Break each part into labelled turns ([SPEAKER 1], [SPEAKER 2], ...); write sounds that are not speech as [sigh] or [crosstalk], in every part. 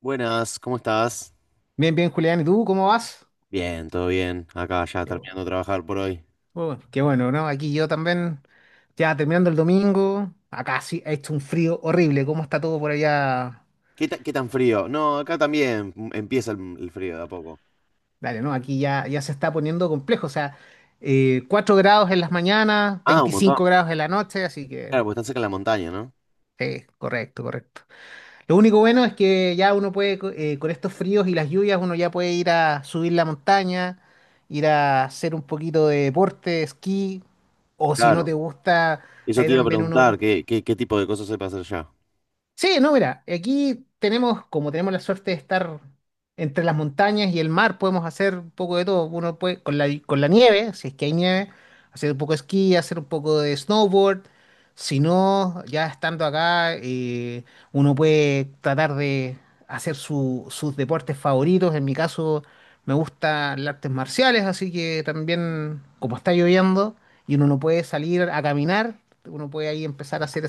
[SPEAKER 1] Buenas, ¿cómo estás?
[SPEAKER 2] Bien, bien, Julián, ¿y tú cómo vas?
[SPEAKER 1] Bien, todo bien. Acá ya
[SPEAKER 2] Qué bueno,
[SPEAKER 1] terminando de trabajar por hoy.
[SPEAKER 2] bueno, qué bueno, ¿no? Aquí yo también, ya terminando el domingo, acá sí ha hecho un frío horrible. ¿Cómo está todo por allá?
[SPEAKER 1] ¿Qué, qué tan frío? No, acá también empieza el frío de a poco.
[SPEAKER 2] Dale, ¿no? Aquí ya, ya se está poniendo complejo, o sea, 4 grados en las mañanas,
[SPEAKER 1] Ah, un montón.
[SPEAKER 2] 25 grados en la noche, así que
[SPEAKER 1] Claro, porque están cerca de la montaña, ¿no?
[SPEAKER 2] sí, correcto, correcto. Lo único bueno es que ya uno puede, con estos fríos y las lluvias, uno ya puede ir a subir la montaña, ir a hacer un poquito de deporte, esquí, o si no
[SPEAKER 1] Claro.
[SPEAKER 2] te gusta,
[SPEAKER 1] Eso
[SPEAKER 2] ahí
[SPEAKER 1] te iba a
[SPEAKER 2] también uno.
[SPEAKER 1] preguntar, ¿qué tipo de cosas se puede hacer ya?
[SPEAKER 2] Sí, no, mira, aquí tenemos, como tenemos la suerte de estar entre las montañas y el mar, podemos hacer un poco de todo. Uno puede, con la nieve, si es que hay nieve, hacer un poco de esquí, hacer un poco de snowboard. Si no, ya estando acá, uno puede tratar de hacer sus deportes favoritos. En mi caso, me gustan las artes marciales, así que también, como está lloviendo y uno no puede salir a caminar, uno puede ahí empezar a hacer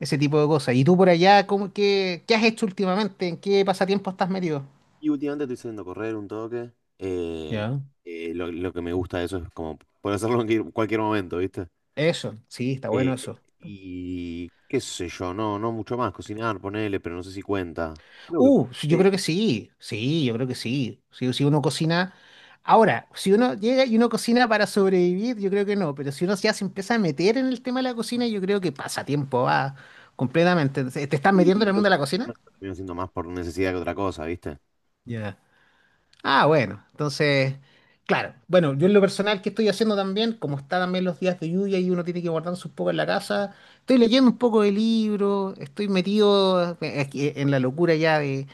[SPEAKER 2] ese tipo de cosas. ¿Y tú por allá, cómo, qué, qué has hecho últimamente? ¿En qué pasatiempo estás metido?
[SPEAKER 1] Y últimamente estoy saliendo a correr un toque. Eh,
[SPEAKER 2] Ya.
[SPEAKER 1] lo que me gusta de eso es como poder hacerlo en cualquier momento, ¿viste?
[SPEAKER 2] Eso, sí, está bueno
[SPEAKER 1] Eh,
[SPEAKER 2] eso.
[SPEAKER 1] y qué sé yo, no mucho más. Cocinar, ponele, pero no sé si cuenta. Creo que
[SPEAKER 2] Sí, yo
[SPEAKER 1] sí.
[SPEAKER 2] creo que sí, sí, yo creo que sí. Si, si uno cocina. Ahora, si uno llega y uno cocina para sobrevivir, yo creo que no, pero si uno ya se empieza a meter en el tema de la cocina, yo creo que pasa tiempo, va completamente. ¿Te estás metiendo en
[SPEAKER 1] Y
[SPEAKER 2] el
[SPEAKER 1] los
[SPEAKER 2] mundo de la cocina?
[SPEAKER 1] últimos terminan siendo más por necesidad que otra cosa, ¿viste?
[SPEAKER 2] Ya. Ah, bueno, entonces, claro. Bueno, yo en lo personal que estoy haciendo también, como está también los días de lluvia y uno tiene que guardarse un poco en la casa, estoy leyendo un poco de libro, estoy metido aquí en la locura ya de,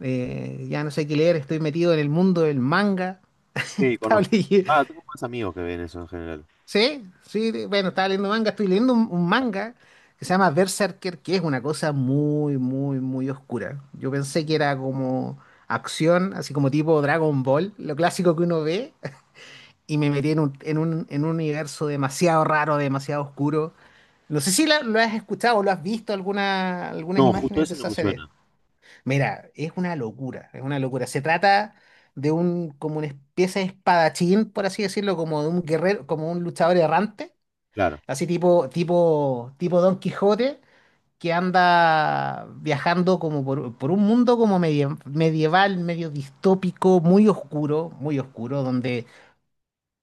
[SPEAKER 2] ya no sé qué leer, estoy metido en el mundo del manga. [laughs]
[SPEAKER 1] Sí,
[SPEAKER 2] Estaba
[SPEAKER 1] conozco.
[SPEAKER 2] leyendo,
[SPEAKER 1] Ah, tengo más amigos que ven eso en general.
[SPEAKER 2] sí, sí, bueno, estaba leyendo manga, estoy leyendo un manga que se llama Berserker, que es una cosa muy, muy, muy oscura. Yo pensé que era como acción, así como tipo Dragon Ball, lo clásico que uno ve y me metí en un universo demasiado raro, demasiado oscuro. No sé si lo has escuchado o lo has visto alguna, algunas
[SPEAKER 1] No, justo
[SPEAKER 2] imágenes de
[SPEAKER 1] ese no
[SPEAKER 2] esa
[SPEAKER 1] me
[SPEAKER 2] serie.
[SPEAKER 1] suena.
[SPEAKER 2] Mira, es una locura, es una locura. Se trata de un, como una especie de espadachín, por así decirlo, como de un guerrero, como un luchador errante,
[SPEAKER 1] Claro,
[SPEAKER 2] así tipo Don Quijote, que anda viajando como por un mundo como medio medieval, medio distópico, muy oscuro, donde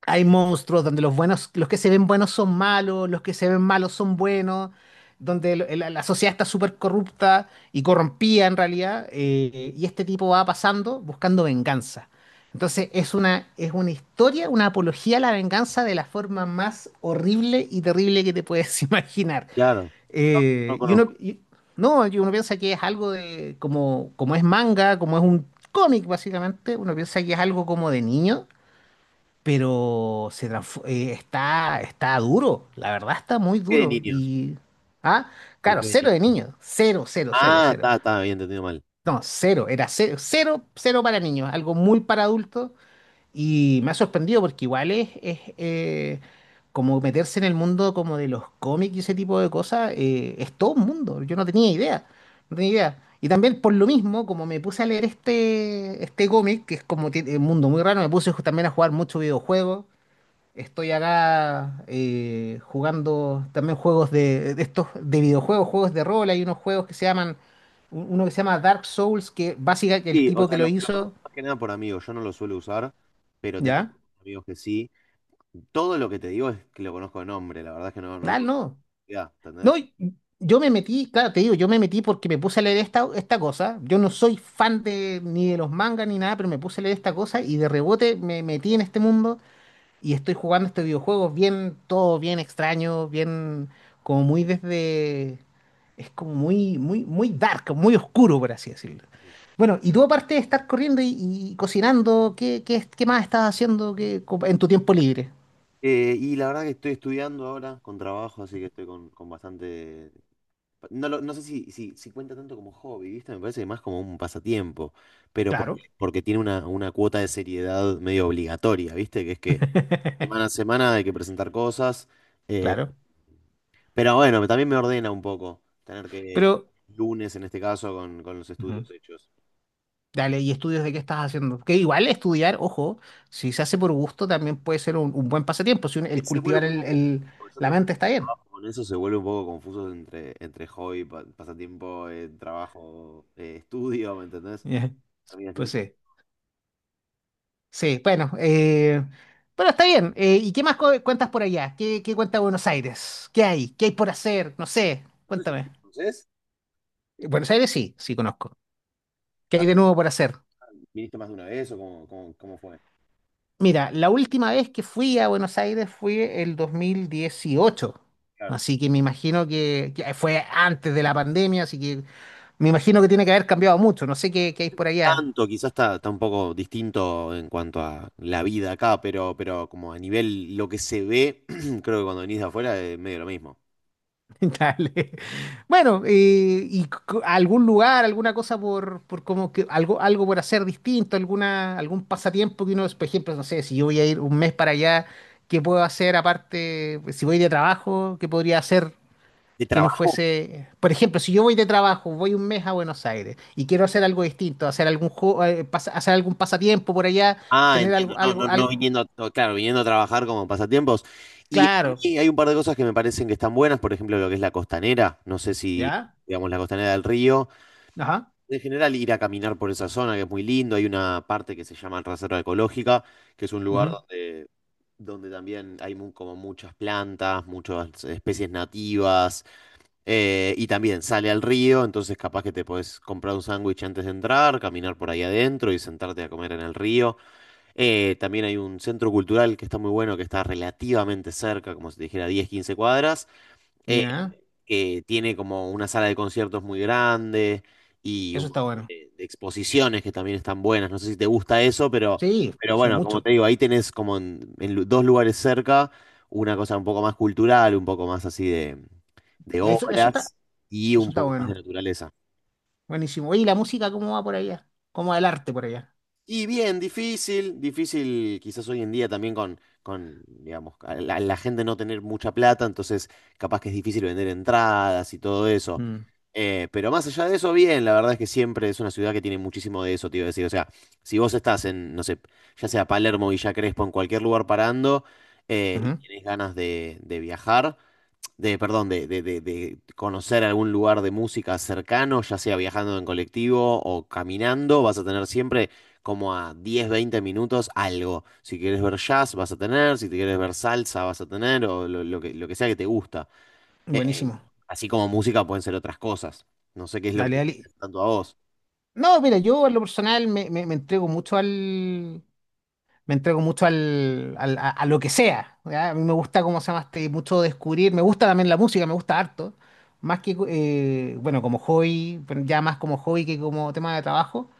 [SPEAKER 2] hay monstruos donde los buenos, los que se ven buenos son malos, los que se ven malos son buenos, donde la sociedad está súper corrupta y corrompida en realidad, y este tipo va pasando buscando venganza. Entonces es una historia, una apología a la venganza de la forma más horrible y terrible que te puedes [laughs] imaginar.
[SPEAKER 1] claro. No, no
[SPEAKER 2] Y uno,
[SPEAKER 1] conozco.
[SPEAKER 2] no, y uno piensa que es algo de, como, como es manga, como es un cómic básicamente, uno piensa que es algo como de niño, pero está, está duro, la verdad está muy
[SPEAKER 1] ¿Qué de
[SPEAKER 2] duro.
[SPEAKER 1] niños?
[SPEAKER 2] Y, ah,
[SPEAKER 1] ¿Por
[SPEAKER 2] claro,
[SPEAKER 1] qué de
[SPEAKER 2] cero de
[SPEAKER 1] niños?
[SPEAKER 2] niños, cero, cero, cero,
[SPEAKER 1] Ah,
[SPEAKER 2] cero.
[SPEAKER 1] está, está, bien, entendido mal.
[SPEAKER 2] No, cero, era cero, cero, cero para niños, algo muy para adultos. Y me ha sorprendido porque igual es, como meterse en el mundo como de los cómics y ese tipo de cosas, es todo un mundo, yo no tenía idea, no tenía idea. Y también por lo mismo, como me puse a leer este cómic, que es como un mundo muy raro, me puse también a jugar mucho videojuegos. Estoy acá jugando también juegos de estos de videojuegos, juegos de rol. Hay unos juegos que se llaman, uno que se llama Dark Souls, que básicamente el
[SPEAKER 1] Sí, o
[SPEAKER 2] tipo
[SPEAKER 1] sea,
[SPEAKER 2] que lo
[SPEAKER 1] lo
[SPEAKER 2] hizo,
[SPEAKER 1] conozco más que nada por amigos. Yo no lo suelo usar, pero tengo
[SPEAKER 2] ¿ya?
[SPEAKER 1] amigos que sí. Todo lo que te digo es que lo conozco de nombre. La verdad es que no, no lo
[SPEAKER 2] Ah,
[SPEAKER 1] conozco.
[SPEAKER 2] no.
[SPEAKER 1] Ya,
[SPEAKER 2] No,
[SPEAKER 1] ¿entendés?
[SPEAKER 2] yo me metí, claro, te digo, yo me metí porque me puse a leer esta, esta cosa. Yo no soy fan de ni de los mangas ni nada, pero me puse a leer esta cosa y de rebote me metí en este mundo y estoy jugando estos videojuegos bien, todo bien extraño, bien, como muy desde. Es como muy, muy, muy dark, muy oscuro, por así decirlo. Bueno, y tú aparte de estar corriendo y cocinando, ¿qué, qué, qué más estás haciendo que, en tu tiempo libre?
[SPEAKER 1] Y la verdad que estoy estudiando ahora con trabajo, así que estoy con bastante. No sé si cuenta tanto como hobby, ¿viste? Me parece que más como un pasatiempo, pero
[SPEAKER 2] Claro,
[SPEAKER 1] porque tiene una cuota de seriedad medio obligatoria, ¿viste? Que es que semana a
[SPEAKER 2] [laughs]
[SPEAKER 1] semana hay que presentar cosas, eh,
[SPEAKER 2] claro.
[SPEAKER 1] pero bueno, también me ordena un poco tener que
[SPEAKER 2] Pero,
[SPEAKER 1] lunes en este caso con los
[SPEAKER 2] ujú,
[SPEAKER 1] estudios hechos.
[SPEAKER 2] dale, ¿y estudios de qué estás haciendo? Que igual estudiar, ojo, si se hace por gusto también puede ser un buen pasatiempo, si el
[SPEAKER 1] Se vuelve
[SPEAKER 2] cultivar
[SPEAKER 1] un poco confuso, yo
[SPEAKER 2] la
[SPEAKER 1] también
[SPEAKER 2] mente está bien.
[SPEAKER 1] trabajo con eso, se vuelve un poco confuso entre, entre hobby, pasatiempo, trabajo, estudio, ¿me
[SPEAKER 2] [laughs]
[SPEAKER 1] entendés?
[SPEAKER 2] Ya,
[SPEAKER 1] Termina
[SPEAKER 2] pues
[SPEAKER 1] siendo...
[SPEAKER 2] sí. Sí, bueno, bueno, está bien. ¿Y qué más cuentas por allá? ¿Qué, qué cuenta Buenos Aires? ¿Qué hay? ¿Qué hay por hacer? No sé,
[SPEAKER 1] No sé si...
[SPEAKER 2] cuéntame.
[SPEAKER 1] ¿Conoces?
[SPEAKER 2] Buenos Aires sí, sí conozco. ¿Qué hay de nuevo por hacer?
[SPEAKER 1] ¿Viniste más de una vez o cómo, cómo fue?
[SPEAKER 2] Mira, la última vez que fui a Buenos Aires fue el 2018,
[SPEAKER 1] Claro.
[SPEAKER 2] así que me imagino que fue antes de la pandemia, así que me imagino que tiene que haber cambiado mucho. No sé qué, qué hay por allá.
[SPEAKER 1] Tanto, quizás está, está un poco distinto en cuanto a la vida acá, pero como a nivel lo que se ve, [clears throat] creo que cuando venís de afuera es medio lo mismo.
[SPEAKER 2] [laughs] Dale. Bueno, y algún lugar, alguna cosa por como que algo, algo por hacer distinto, alguna, algún pasatiempo que uno, por ejemplo, no sé, si yo voy a ir un mes para allá, ¿qué puedo hacer aparte? Pues, si voy de trabajo, ¿qué podría hacer
[SPEAKER 1] ¿De
[SPEAKER 2] que no
[SPEAKER 1] trabajo?
[SPEAKER 2] fuese? Por ejemplo, si yo voy de trabajo, voy un mes a Buenos Aires y quiero hacer algo distinto, hacer algún juego, hacer algún pasatiempo por allá,
[SPEAKER 1] Ah,
[SPEAKER 2] tener
[SPEAKER 1] entiendo,
[SPEAKER 2] algo,
[SPEAKER 1] no, no,
[SPEAKER 2] algo,
[SPEAKER 1] no
[SPEAKER 2] algo,
[SPEAKER 1] viniendo, claro, viniendo a trabajar como pasatiempos. Y a
[SPEAKER 2] claro,
[SPEAKER 1] mí hay un par de cosas que me parecen que están buenas, por ejemplo, lo que es la costanera, no sé si,
[SPEAKER 2] ¿ya?
[SPEAKER 1] digamos, la costanera del río.
[SPEAKER 2] Ajá.
[SPEAKER 1] En general, ir a caminar por esa zona que es muy lindo, hay una parte que se llama Reserva Ecológica que es un lugar
[SPEAKER 2] Ujú,
[SPEAKER 1] donde también hay como muchas plantas, muchas especies nativas, y también sale al río, entonces capaz que te podés comprar un sándwich antes de entrar, caminar por ahí adentro y sentarte a comer en el río. También hay un centro cultural que está muy bueno, que está relativamente cerca, como si te dijera 10 15 cuadras,
[SPEAKER 2] mira,
[SPEAKER 1] que tiene como una sala de conciertos muy grande y un
[SPEAKER 2] eso está
[SPEAKER 1] montón
[SPEAKER 2] bueno.
[SPEAKER 1] de exposiciones que también están buenas. No sé si te gusta eso,
[SPEAKER 2] Sí,
[SPEAKER 1] pero
[SPEAKER 2] pues, sí,
[SPEAKER 1] bueno, como
[SPEAKER 2] mucho.
[SPEAKER 1] te digo, ahí tenés como en dos lugares cerca una cosa un poco más cultural, un poco más así de
[SPEAKER 2] Eso,
[SPEAKER 1] obras y
[SPEAKER 2] eso
[SPEAKER 1] un
[SPEAKER 2] está
[SPEAKER 1] poco más de
[SPEAKER 2] bueno.
[SPEAKER 1] naturaleza.
[SPEAKER 2] Buenísimo. Oye, ¿y la música cómo va por allá? ¿Cómo va el arte por allá?
[SPEAKER 1] Y bien, difícil, difícil quizás hoy en día también con digamos, a la gente no tener mucha plata, entonces capaz que es difícil vender entradas y todo eso.
[SPEAKER 2] Mm,
[SPEAKER 1] Pero más allá de eso, bien, la verdad es que siempre es una ciudad que tiene muchísimo de eso, te iba a decir. O sea, si vos estás en, no sé, ya sea Palermo, Villa Crespo, en cualquier lugar parando y
[SPEAKER 2] ujú.
[SPEAKER 1] tenés ganas de viajar de, perdón, de conocer algún lugar de música cercano, ya sea viajando en colectivo o caminando, vas a tener siempre como a 10 20 minutos algo. Si quieres ver jazz, vas a tener, si te quieres ver salsa, vas a tener, o lo, lo que sea que te gusta. Eh,
[SPEAKER 2] Buenísimo.
[SPEAKER 1] así como música pueden ser otras cosas. No sé qué es lo que
[SPEAKER 2] Dale,
[SPEAKER 1] te
[SPEAKER 2] dale.
[SPEAKER 1] interesa tanto a vos.
[SPEAKER 2] No, mira, yo en lo personal me, me entrego mucho al. Me entrego mucho al, a lo que sea. ¿Ya? A mí me gusta, ¿cómo se llama? Mucho descubrir. Me gusta también la música, me gusta harto. Más que, bueno, como hobby, pero ya más como hobby que como tema de trabajo.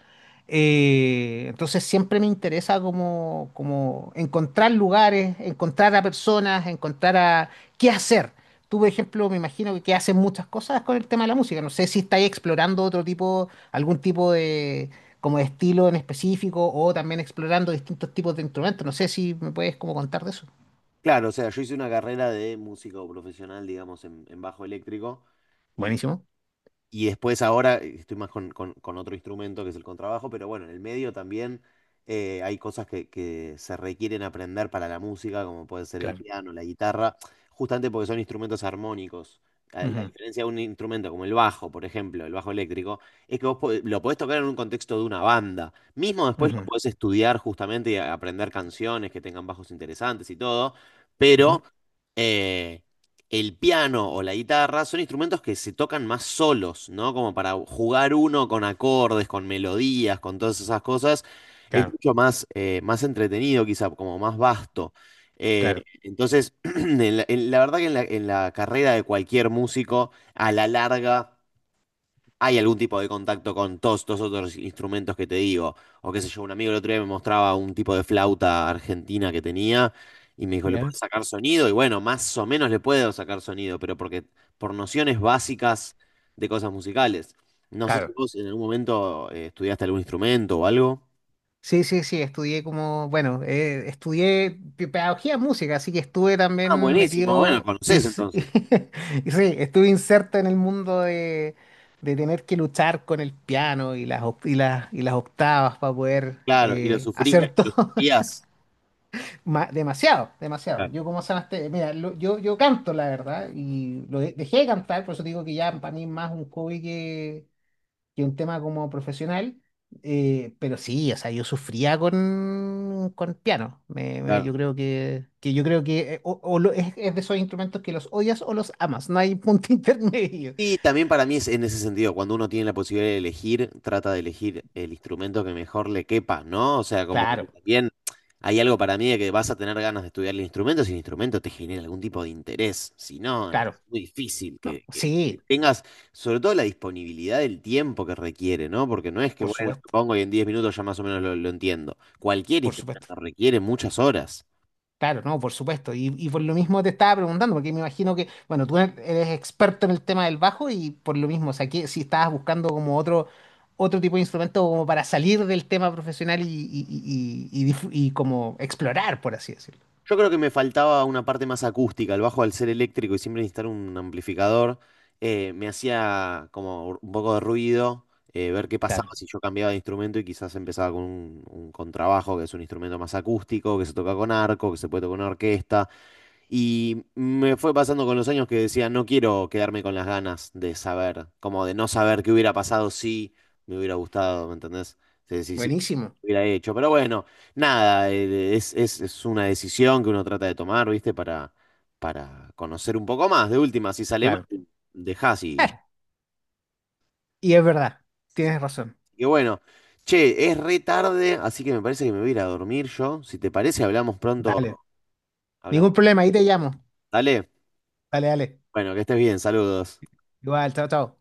[SPEAKER 2] Entonces siempre me interesa como, como encontrar lugares, encontrar a personas, encontrar a qué hacer. Tú, por ejemplo, me imagino que haces muchas cosas con el tema de la música. No sé si estáis explorando otro tipo, algún tipo de, como de estilo en específico o también explorando distintos tipos de instrumentos. No sé si me puedes como contar de eso.
[SPEAKER 1] Claro, o sea, yo hice una carrera de músico profesional, digamos, en bajo eléctrico.
[SPEAKER 2] Buenísimo.
[SPEAKER 1] Y después ahora estoy más con, con otro instrumento que es el contrabajo, pero bueno, en el medio también hay cosas que se requieren aprender para la música, como puede ser el
[SPEAKER 2] Claro.
[SPEAKER 1] piano, la guitarra, justamente porque son instrumentos armónicos. La
[SPEAKER 2] Ujú,
[SPEAKER 1] diferencia de un instrumento como el bajo, por ejemplo, el bajo eléctrico, es que vos lo podés tocar en un contexto de una banda. Mismo después lo
[SPEAKER 2] ujú,
[SPEAKER 1] podés estudiar justamente y aprender canciones que tengan bajos interesantes y todo,
[SPEAKER 2] ujú.
[SPEAKER 1] pero... eh, el piano o la guitarra son instrumentos que se tocan más solos, ¿no? Como para jugar uno con acordes, con melodías, con todas esas cosas. Es
[SPEAKER 2] Claro,
[SPEAKER 1] mucho más, más entretenido, quizá, como más vasto. Eh,
[SPEAKER 2] claro,
[SPEAKER 1] entonces, [clears throat] en la, la verdad que en la carrera de cualquier músico, a la larga hay algún tipo de contacto con todos estos otros instrumentos que te digo. O qué sé yo, un amigo el otro día me mostraba un tipo de flauta argentina que tenía y me dijo, ¿le
[SPEAKER 2] ¿ya?
[SPEAKER 1] puedes sacar sonido? Y bueno, más o menos le puedo sacar sonido, pero porque por nociones básicas de cosas musicales. No sé si
[SPEAKER 2] Claro.
[SPEAKER 1] vos en algún momento estudiaste algún instrumento o algo.
[SPEAKER 2] Sí, sí, sí, estudié como, bueno, estudié pedagogía en música, así que estuve
[SPEAKER 1] Ah,
[SPEAKER 2] también
[SPEAKER 1] buenísimo, bueno, lo
[SPEAKER 2] metido,
[SPEAKER 1] conocés entonces.
[SPEAKER 2] [laughs] y sí, estuve inserto en el mundo de tener que luchar con el piano y las, y las, y las octavas para poder
[SPEAKER 1] Claro, y lo sufrías,
[SPEAKER 2] hacer
[SPEAKER 1] lo
[SPEAKER 2] todo.
[SPEAKER 1] sufrías.
[SPEAKER 2] [laughs] Demasiado, demasiado.
[SPEAKER 1] Claro,
[SPEAKER 2] Yo como sanaste, mira, yo, yo canto, la verdad, y dejé de cantar, por eso digo que ya para mí es más un hobby que un tema como profesional, pero sí, o sea, yo sufría con piano. Yo
[SPEAKER 1] claro.
[SPEAKER 2] creo que yo creo que o, es de esos instrumentos que los odias o los amas, no hay punto [laughs] intermedio.
[SPEAKER 1] Y también para mí es en ese sentido, cuando uno tiene la posibilidad de elegir, trata de elegir el instrumento que mejor le quepa, ¿no? O sea, como que
[SPEAKER 2] Claro,
[SPEAKER 1] también hay algo para mí de que vas a tener ganas de estudiar el instrumento si el instrumento te genera algún tipo de interés. Si no, es
[SPEAKER 2] claro.
[SPEAKER 1] muy difícil
[SPEAKER 2] No,
[SPEAKER 1] que, que
[SPEAKER 2] sí,
[SPEAKER 1] tengas, sobre todo la disponibilidad del tiempo que requiere, ¿no? Porque no es que,
[SPEAKER 2] por
[SPEAKER 1] bueno, me
[SPEAKER 2] supuesto,
[SPEAKER 1] pongo y en 10 minutos ya más o menos lo entiendo. Cualquier
[SPEAKER 2] por supuesto.
[SPEAKER 1] instrumento requiere muchas horas.
[SPEAKER 2] Claro, no, por supuesto. Y por lo mismo te estaba preguntando, porque me imagino que, bueno, tú eres experto en el tema del bajo y por lo mismo, o sea, que si estabas buscando como otro, otro tipo de instrumento como para salir del tema profesional y, y como explorar, por así decirlo.
[SPEAKER 1] Yo creo que me faltaba una parte más acústica. El bajo al ser eléctrico y siempre necesitar un amplificador, me hacía como un poco de ruido, ver qué pasaba
[SPEAKER 2] Claro,
[SPEAKER 1] si yo cambiaba de instrumento y quizás empezaba con un contrabajo, que es un instrumento más acústico, que se toca con arco, que se puede tocar con orquesta. Y me fue pasando con los años que decía, no quiero quedarme con las ganas de saber, como de no saber qué hubiera pasado si me hubiera gustado, ¿me entendés? Si
[SPEAKER 2] buenísimo,
[SPEAKER 1] hubiera hecho. Pero bueno, nada, es una decisión que uno trata de tomar, ¿viste? Para conocer un poco más. De última, si sale mal,
[SPEAKER 2] claro.
[SPEAKER 1] dejás y...
[SPEAKER 2] [laughs] Y es verdad, tienes razón.
[SPEAKER 1] Y bueno, che, es re tarde, así que me parece que me voy a ir a dormir yo. Si te parece, hablamos pronto.
[SPEAKER 2] Dale,
[SPEAKER 1] Hablamos.
[SPEAKER 2] ningún problema, ahí te llamo.
[SPEAKER 1] Dale.
[SPEAKER 2] Dale, dale.
[SPEAKER 1] Bueno, que estés bien, saludos.
[SPEAKER 2] Igual, chao, chao.